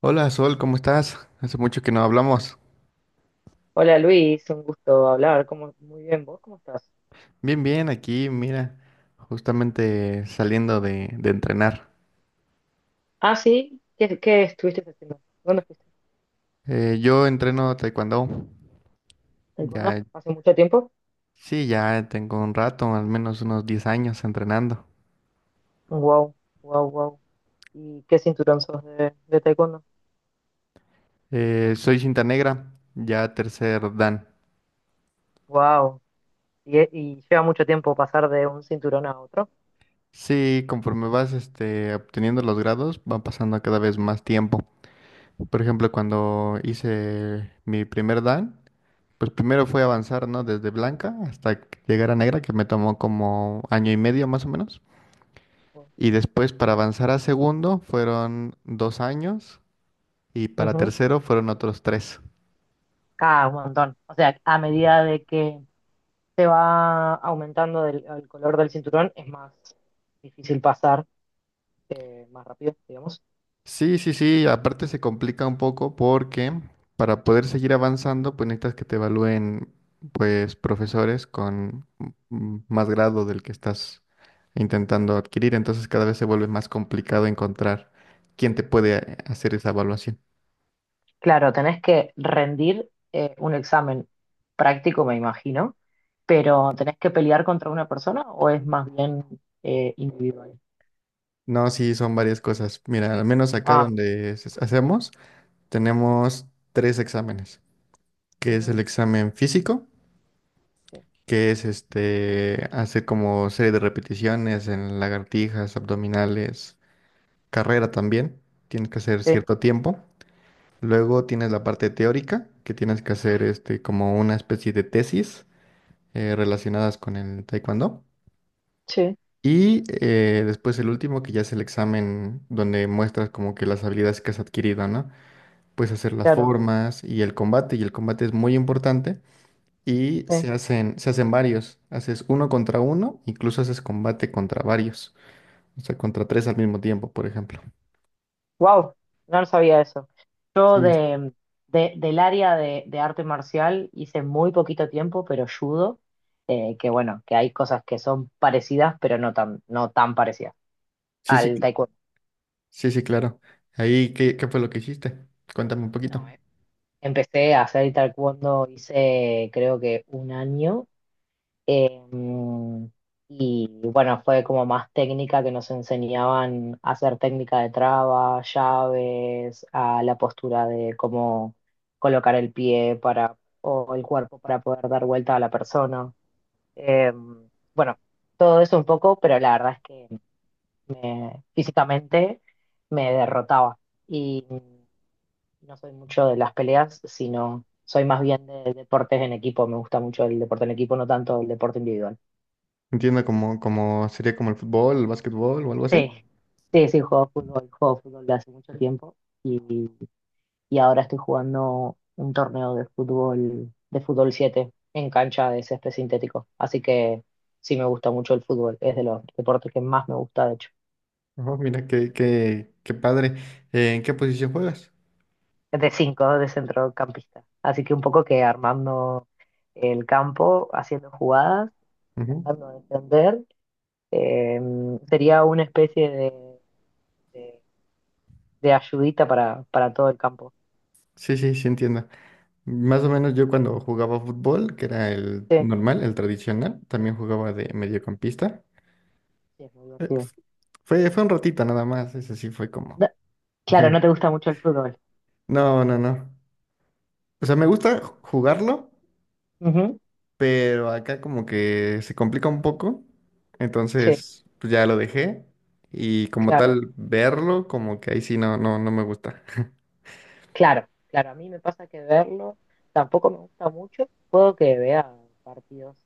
Hola Sol, ¿cómo estás? Hace mucho que no hablamos. Hola Luis, un gusto hablar. ¿Cómo? Muy bien, ¿vos cómo estás? Bien, bien, aquí, mira, justamente saliendo de entrenar. Ah, sí, ¿qué estuviste haciendo? ¿Dónde fuiste? Yo entreno taekwondo. ¿Taekwondo? Ya, ¿Hace mucho tiempo? sí, ya tengo un rato, al menos unos 10 años entrenando. Wow, wow, wow. ¿Y qué cinturón sos de taekwondo? Soy cinta negra, ya tercer dan. Wow. ¿Y lleva mucho tiempo pasar de un cinturón a otro? Sí, conforme vas obteniendo los grados, va pasando cada vez más tiempo. Por ejemplo, cuando hice mi primer dan. Pues primero Sí. fue avanzar, ¿no? Desde blanca hasta que llegar a negra, que me tomó como año y medio más o menos. Wow. Y después para avanzar a segundo fueron 2 años y para Ujú. tercero fueron otros tres. Ah, un montón. O sea, a medida de que se va aumentando el color del cinturón, es más difícil pasar, más rápido, digamos. Sí, sí, sí, aparte se complica un poco porque para poder seguir avanzando, pues necesitas que te evalúen, pues, profesores con más grado del que estás intentando adquirir. Entonces cada vez se vuelve más complicado encontrar quién te puede hacer esa evaluación. Claro, tenés que rendir un examen práctico, me imagino, pero ¿tenés que pelear contra una persona o es más bien individual? No, sí, son varias cosas. Mira, al menos acá Ah, donde hacemos, tenemos tres exámenes, que es el ujú, examen físico, sí, que es hacer como serie de repeticiones en lagartijas, abdominales, carrera wow, también, tienes que hacer sí, cierto tiempo. Luego tienes la parte teórica, que tienes que hacer como una especie de tesis relacionadas con el taekwondo. sí. Y después el último, que ya es el examen donde muestras como que las habilidades que has adquirido, ¿no? Pues hacer las Claro, formas y el combate es muy importante, y sí. Se hacen varios, haces uno contra uno, incluso haces combate contra varios, o sea, contra tres al mismo tiempo, por ejemplo. Wow, no sabía eso. Yo Sí, del área de arte marcial hice muy poquito tiempo, pero judo, que bueno, que hay cosas que son parecidas, pero no tan parecidas sí, sí, al taekwondo. sí, sí, claro. Ahí, ¿qué, qué fue lo que hiciste? Cuéntame un poquito. No, empecé a hacer taekwondo, hice creo que un año. em, y bueno, fue como más técnica que nos enseñaban a hacer técnica de traba, llaves, a la postura de cómo colocar el pie para, o el cuerpo para poder dar vuelta a la persona. Em, bueno, todo eso un poco, pero la verdad es que físicamente me derrotaba. Y no soy mucho de las peleas, sino soy más bien de deportes en equipo. Me gusta mucho el deporte en equipo, no tanto el deporte individual. Entiendo como, como sería como el fútbol, el básquetbol o algo así. Sí, sí, sí, juego fútbol de hace mucho tiempo y, y ahora estoy jugando un torneo de fútbol 7 en cancha de césped sintético. Así que sí me gusta mucho el fútbol, es de los deportes que más me gusta, de hecho. Ajá, mira, qué, qué, qué padre. ¿En qué posición juegas? Es de 5 de centrocampista. Así que un poco que armando el campo, haciendo jugadas, Ujú. tratando de defender. Eh, sería una especie de- de ayudita para todo el campo. Sí, sí, sí, entiendo. Más o menos yo cuando jugaba fútbol, que era el Sí, normal, el tradicional, también jugaba de mediocampista. sí, es muy Eh, divertido. fue un ratito nada más, eso sí fue como. Da- claro, no te gusta mucho el fútbol. No, no, no. O sea, me Claro. gusta jugarlo, Ujú, pero acá como que se complica un poco. sí, Entonces, pues ya lo dejé. Y como claro, tal, verlo, como que ahí sí no, no, no me gusta. claro, claro. A mí me pasa que verlo tampoco me gusta mucho. Puedo que vea partidos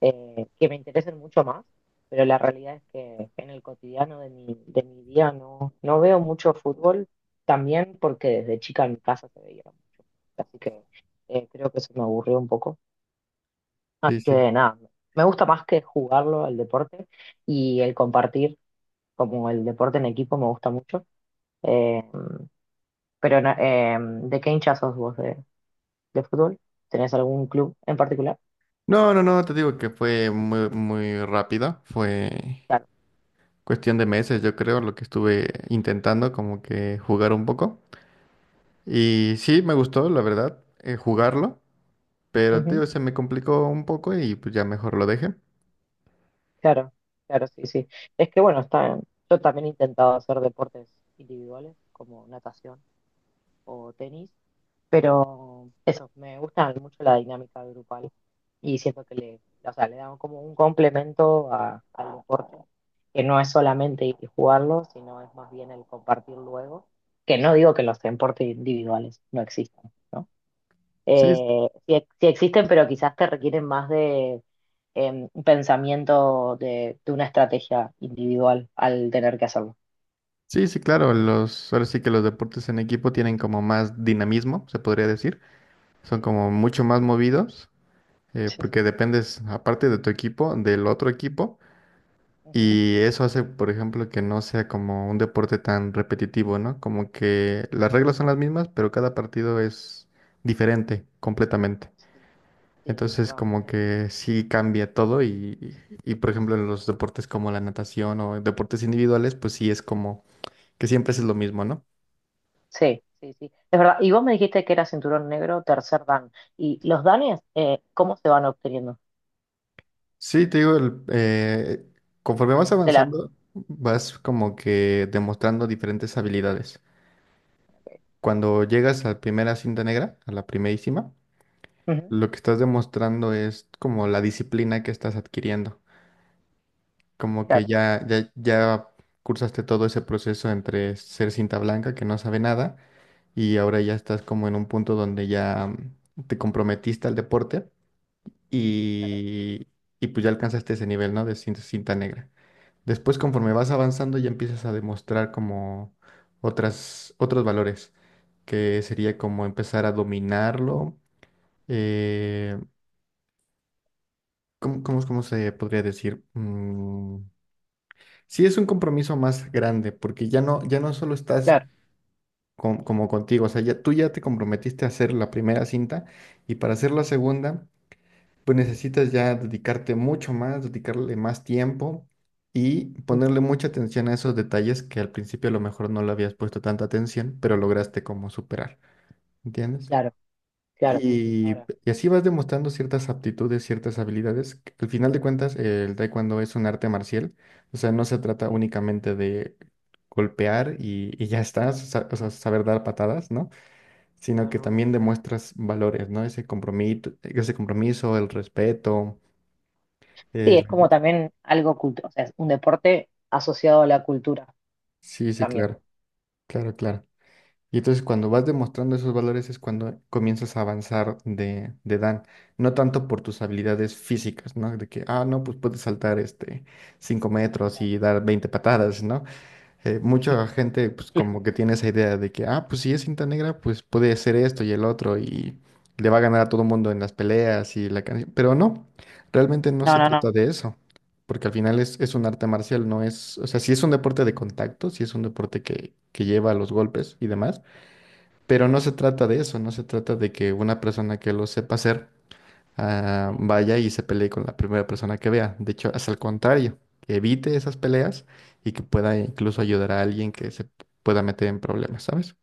que me interesen mucho más, pero la realidad es que en el cotidiano de mi día no veo mucho fútbol, también porque desde chica en mi casa se veía mucho. Así que creo que eso me aburrió un poco. Sí, Así sí. que nada, me gusta más que jugarlo el deporte y el compartir, como el deporte en equipo me gusta mucho. Eh, pero ¿de qué hincha sos vos de fútbol? ¿Tenés algún club en particular? No, no, no, te digo que fue muy, muy rápido. Fue, Claro, cuestión de meses, yo creo, lo que estuve intentando como que jugar un poco. Y sí, me gustó, la verdad, jugarlo, pero ujú, tío, se me complicó un poco y pues ya mejor lo dejé. claro, claro, sí, sí. Es que bueno, está, yo también he intentado hacer deportes individuales como natación o tenis. Pero eso, me gusta mucho la dinámica grupal y siento que o sea, le dan como un complemento al deporte, que no es solamente ir y jugarlo, sino es más bien el compartir luego, que no digo que los deportes individuales no existan, ¿no? Sí, Sí, sí existen, pero quizás te requieren más de un pensamiento de una estrategia individual al tener que hacerlo. sí, sí, claro, los, ahora sí que los deportes en equipo tienen como más dinamismo, se podría decir. Son Sí, como mucho más movidos, sí. porque dependes, aparte de tu equipo, del otro equipo. Ujú. Y eso hace, por ejemplo, que no sea como un deporte tan repetitivo, ¿no? Como que las reglas son las mismas, pero cada partido es diferente completamente. Sí, sí, es Entonces, verdad. como que sí cambia todo y, por ejemplo, en los deportes como la natación o en deportes individuales, pues sí es como que siempre es lo mismo, ¿no? Sí, sí, sí. Es verdad. Y vos me dijiste que era cinturón negro, tercer dan. ¿Y los danes, cómo se van obteniendo? Sí, te digo, conforme vas De la... avanzando, vas como que demostrando diferentes habilidades. Cuando llegas a la primera cinta negra, a la primerísima, Ujú, lo que estás demostrando es como la disciplina que estás adquiriendo, como que claro, ya cursaste todo ese proceso entre ser cinta blanca que no sabe nada y ahora ya estás como en un punto donde ya te comprometiste al deporte claro, y, y pues ya alcanzaste ese nivel, ¿no? De cinta, cinta negra. Después, conforme vas avanzando, ya empiezas a demostrar como otras, otros valores, que sería como empezar a dominarlo. eh, ¿Cómo, cómo, cómo se podría decir? Sí es un compromiso más grande, porque ya no, ya no solo estás claro. Como contigo, o sea, ya, tú ya te comprometiste a hacer la primera cinta y para hacer la segunda, pues necesitas ya dedicarte mucho más, dedicarle más tiempo y ponerle Ujú, mucha atención a esos detalles que al principio a lo mejor no le habías puesto tanta atención, pero lograste como superar, ¿entiendes? claro, claro, sí, sí. Ahora. Y así vas demostrando ciertas aptitudes, ciertas habilidades, que al final de cuentas, el taekwondo es un arte marcial, o sea, no se trata Sí, únicamente de golpear y ya está, o sea, saber dar patadas, ¿no? Sino no, no, que no. también demuestras valores, ¿no? Ese compromiso, el respeto. Sí, es el- como también algo culto, o sea, es un deporte asociado a la cultura Sí, sí, también. claro, claro, claro. Y entonces cuando vas demostrando esos valores es cuando comienzas a avanzar de Dan, no tanto por tus habilidades físicas, ¿no? De que, ah, no, pues puedes saltar 5 metros Claro. y dar 20 patadas, ¿no? Mucha gente pues Claro. como que tiene esa idea de que, ah, pues si es cinta negra, pues puede hacer esto y el otro y le va a ganar a todo el mundo en las peleas y la canción, pero no, realmente no No, se no, trata no. de eso. Porque al final es un arte marcial, no es, o sea, si es un deporte de contacto, si es un deporte que lleva los golpes y demás, pero no se trata de eso, no se trata de que una persona que lo sepa hacer Sí. ah, vaya y se pelee con la primera persona que vea. De hecho, es al contrario, que evite esas peleas y que pueda incluso ayudar a alguien que se pueda meter en problemas, ¿sabes?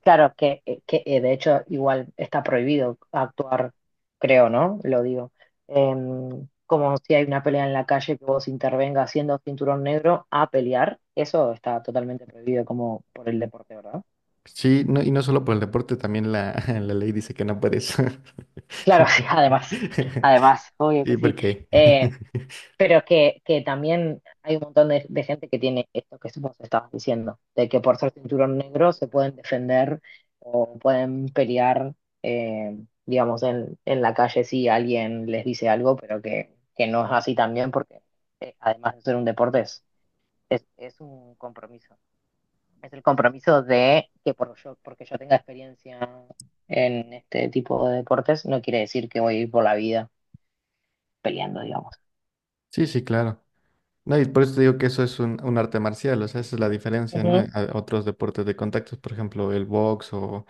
Claro, que de hecho igual está prohibido actuar, creo, ¿no? Lo digo. Como si hay una pelea en la calle que vos intervengas siendo cinturón negro a pelear, eso está totalmente prohibido como por el deporte, ¿verdad? Sí, no, y no solo por el deporte, también la, la ley dice que no puedes. Claro, sí, además, además, obvio Sí que sí. porque Eh, Pero que también hay un montón de gente que tiene esto que vos estabas diciendo, de que por ser cinturón negro se pueden defender o pueden pelear, eh, digamos, en la calle si alguien les dice algo, pero que no es así también, porque además de ser un deporte, es, es un compromiso. Es el compromiso de que porque yo tenga experiencia en este tipo de deportes, no quiere decir que voy a ir por la vida peleando, digamos. sí, sí, claro. No, y por eso te digo que eso es un arte marcial, o sea, esa es la diferencia, ¿no? Ujú. A otros deportes de contactos, por ejemplo, el box o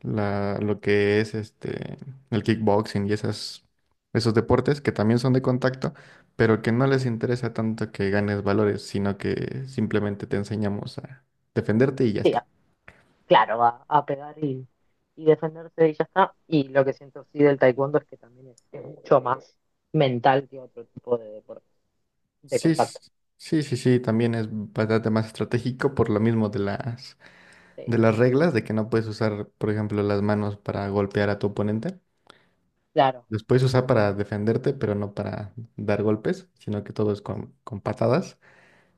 la, lo que es el kickboxing y esas, esos deportes que también son de contacto, pero que no les interesa tanto que ganes valores, sino que simplemente te enseñamos a defenderte y ya Sí, está. claro, a, pegar y defenderse y ya está. Y lo que siento sí del taekwondo es que también es mucho más mental que otro tipo de deporte, de Sí, contacto. Sí, sí, sí, también es bastante más estratégico por lo mismo Sí, de las reglas, de que no puedes usar, por ejemplo, las manos para golpear a tu oponente. claro, Los puedes usar para defenderte, pero no para dar golpes, sino que todo es con patadas.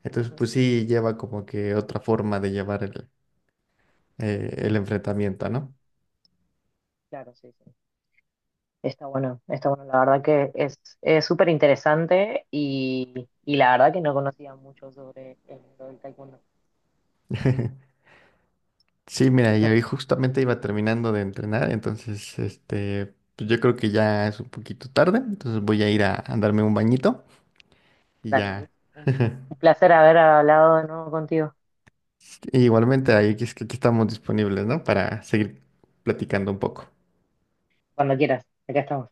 Entonces, ujú, pues sí, lleva como que otra forma de llevar el enfrentamiento, ¿no? claro, sí, sí. Está bueno, está bueno. La verdad que es súper interesante y la verdad que no conocía mucho sobre el mundo del taekwondo. Sí, mira, Es y ahí un- justamente iba terminando de entrenar, entonces, pues yo creo que ya es un poquito tarde, entonces voy a ir a darme un bañito y dale, Luis, ya. un, un placer haber hablado de nuevo contigo. Igualmente, ahí es que aquí estamos disponibles, ¿no? Para seguir platicando un poco. Cuando quieras, acá estamos.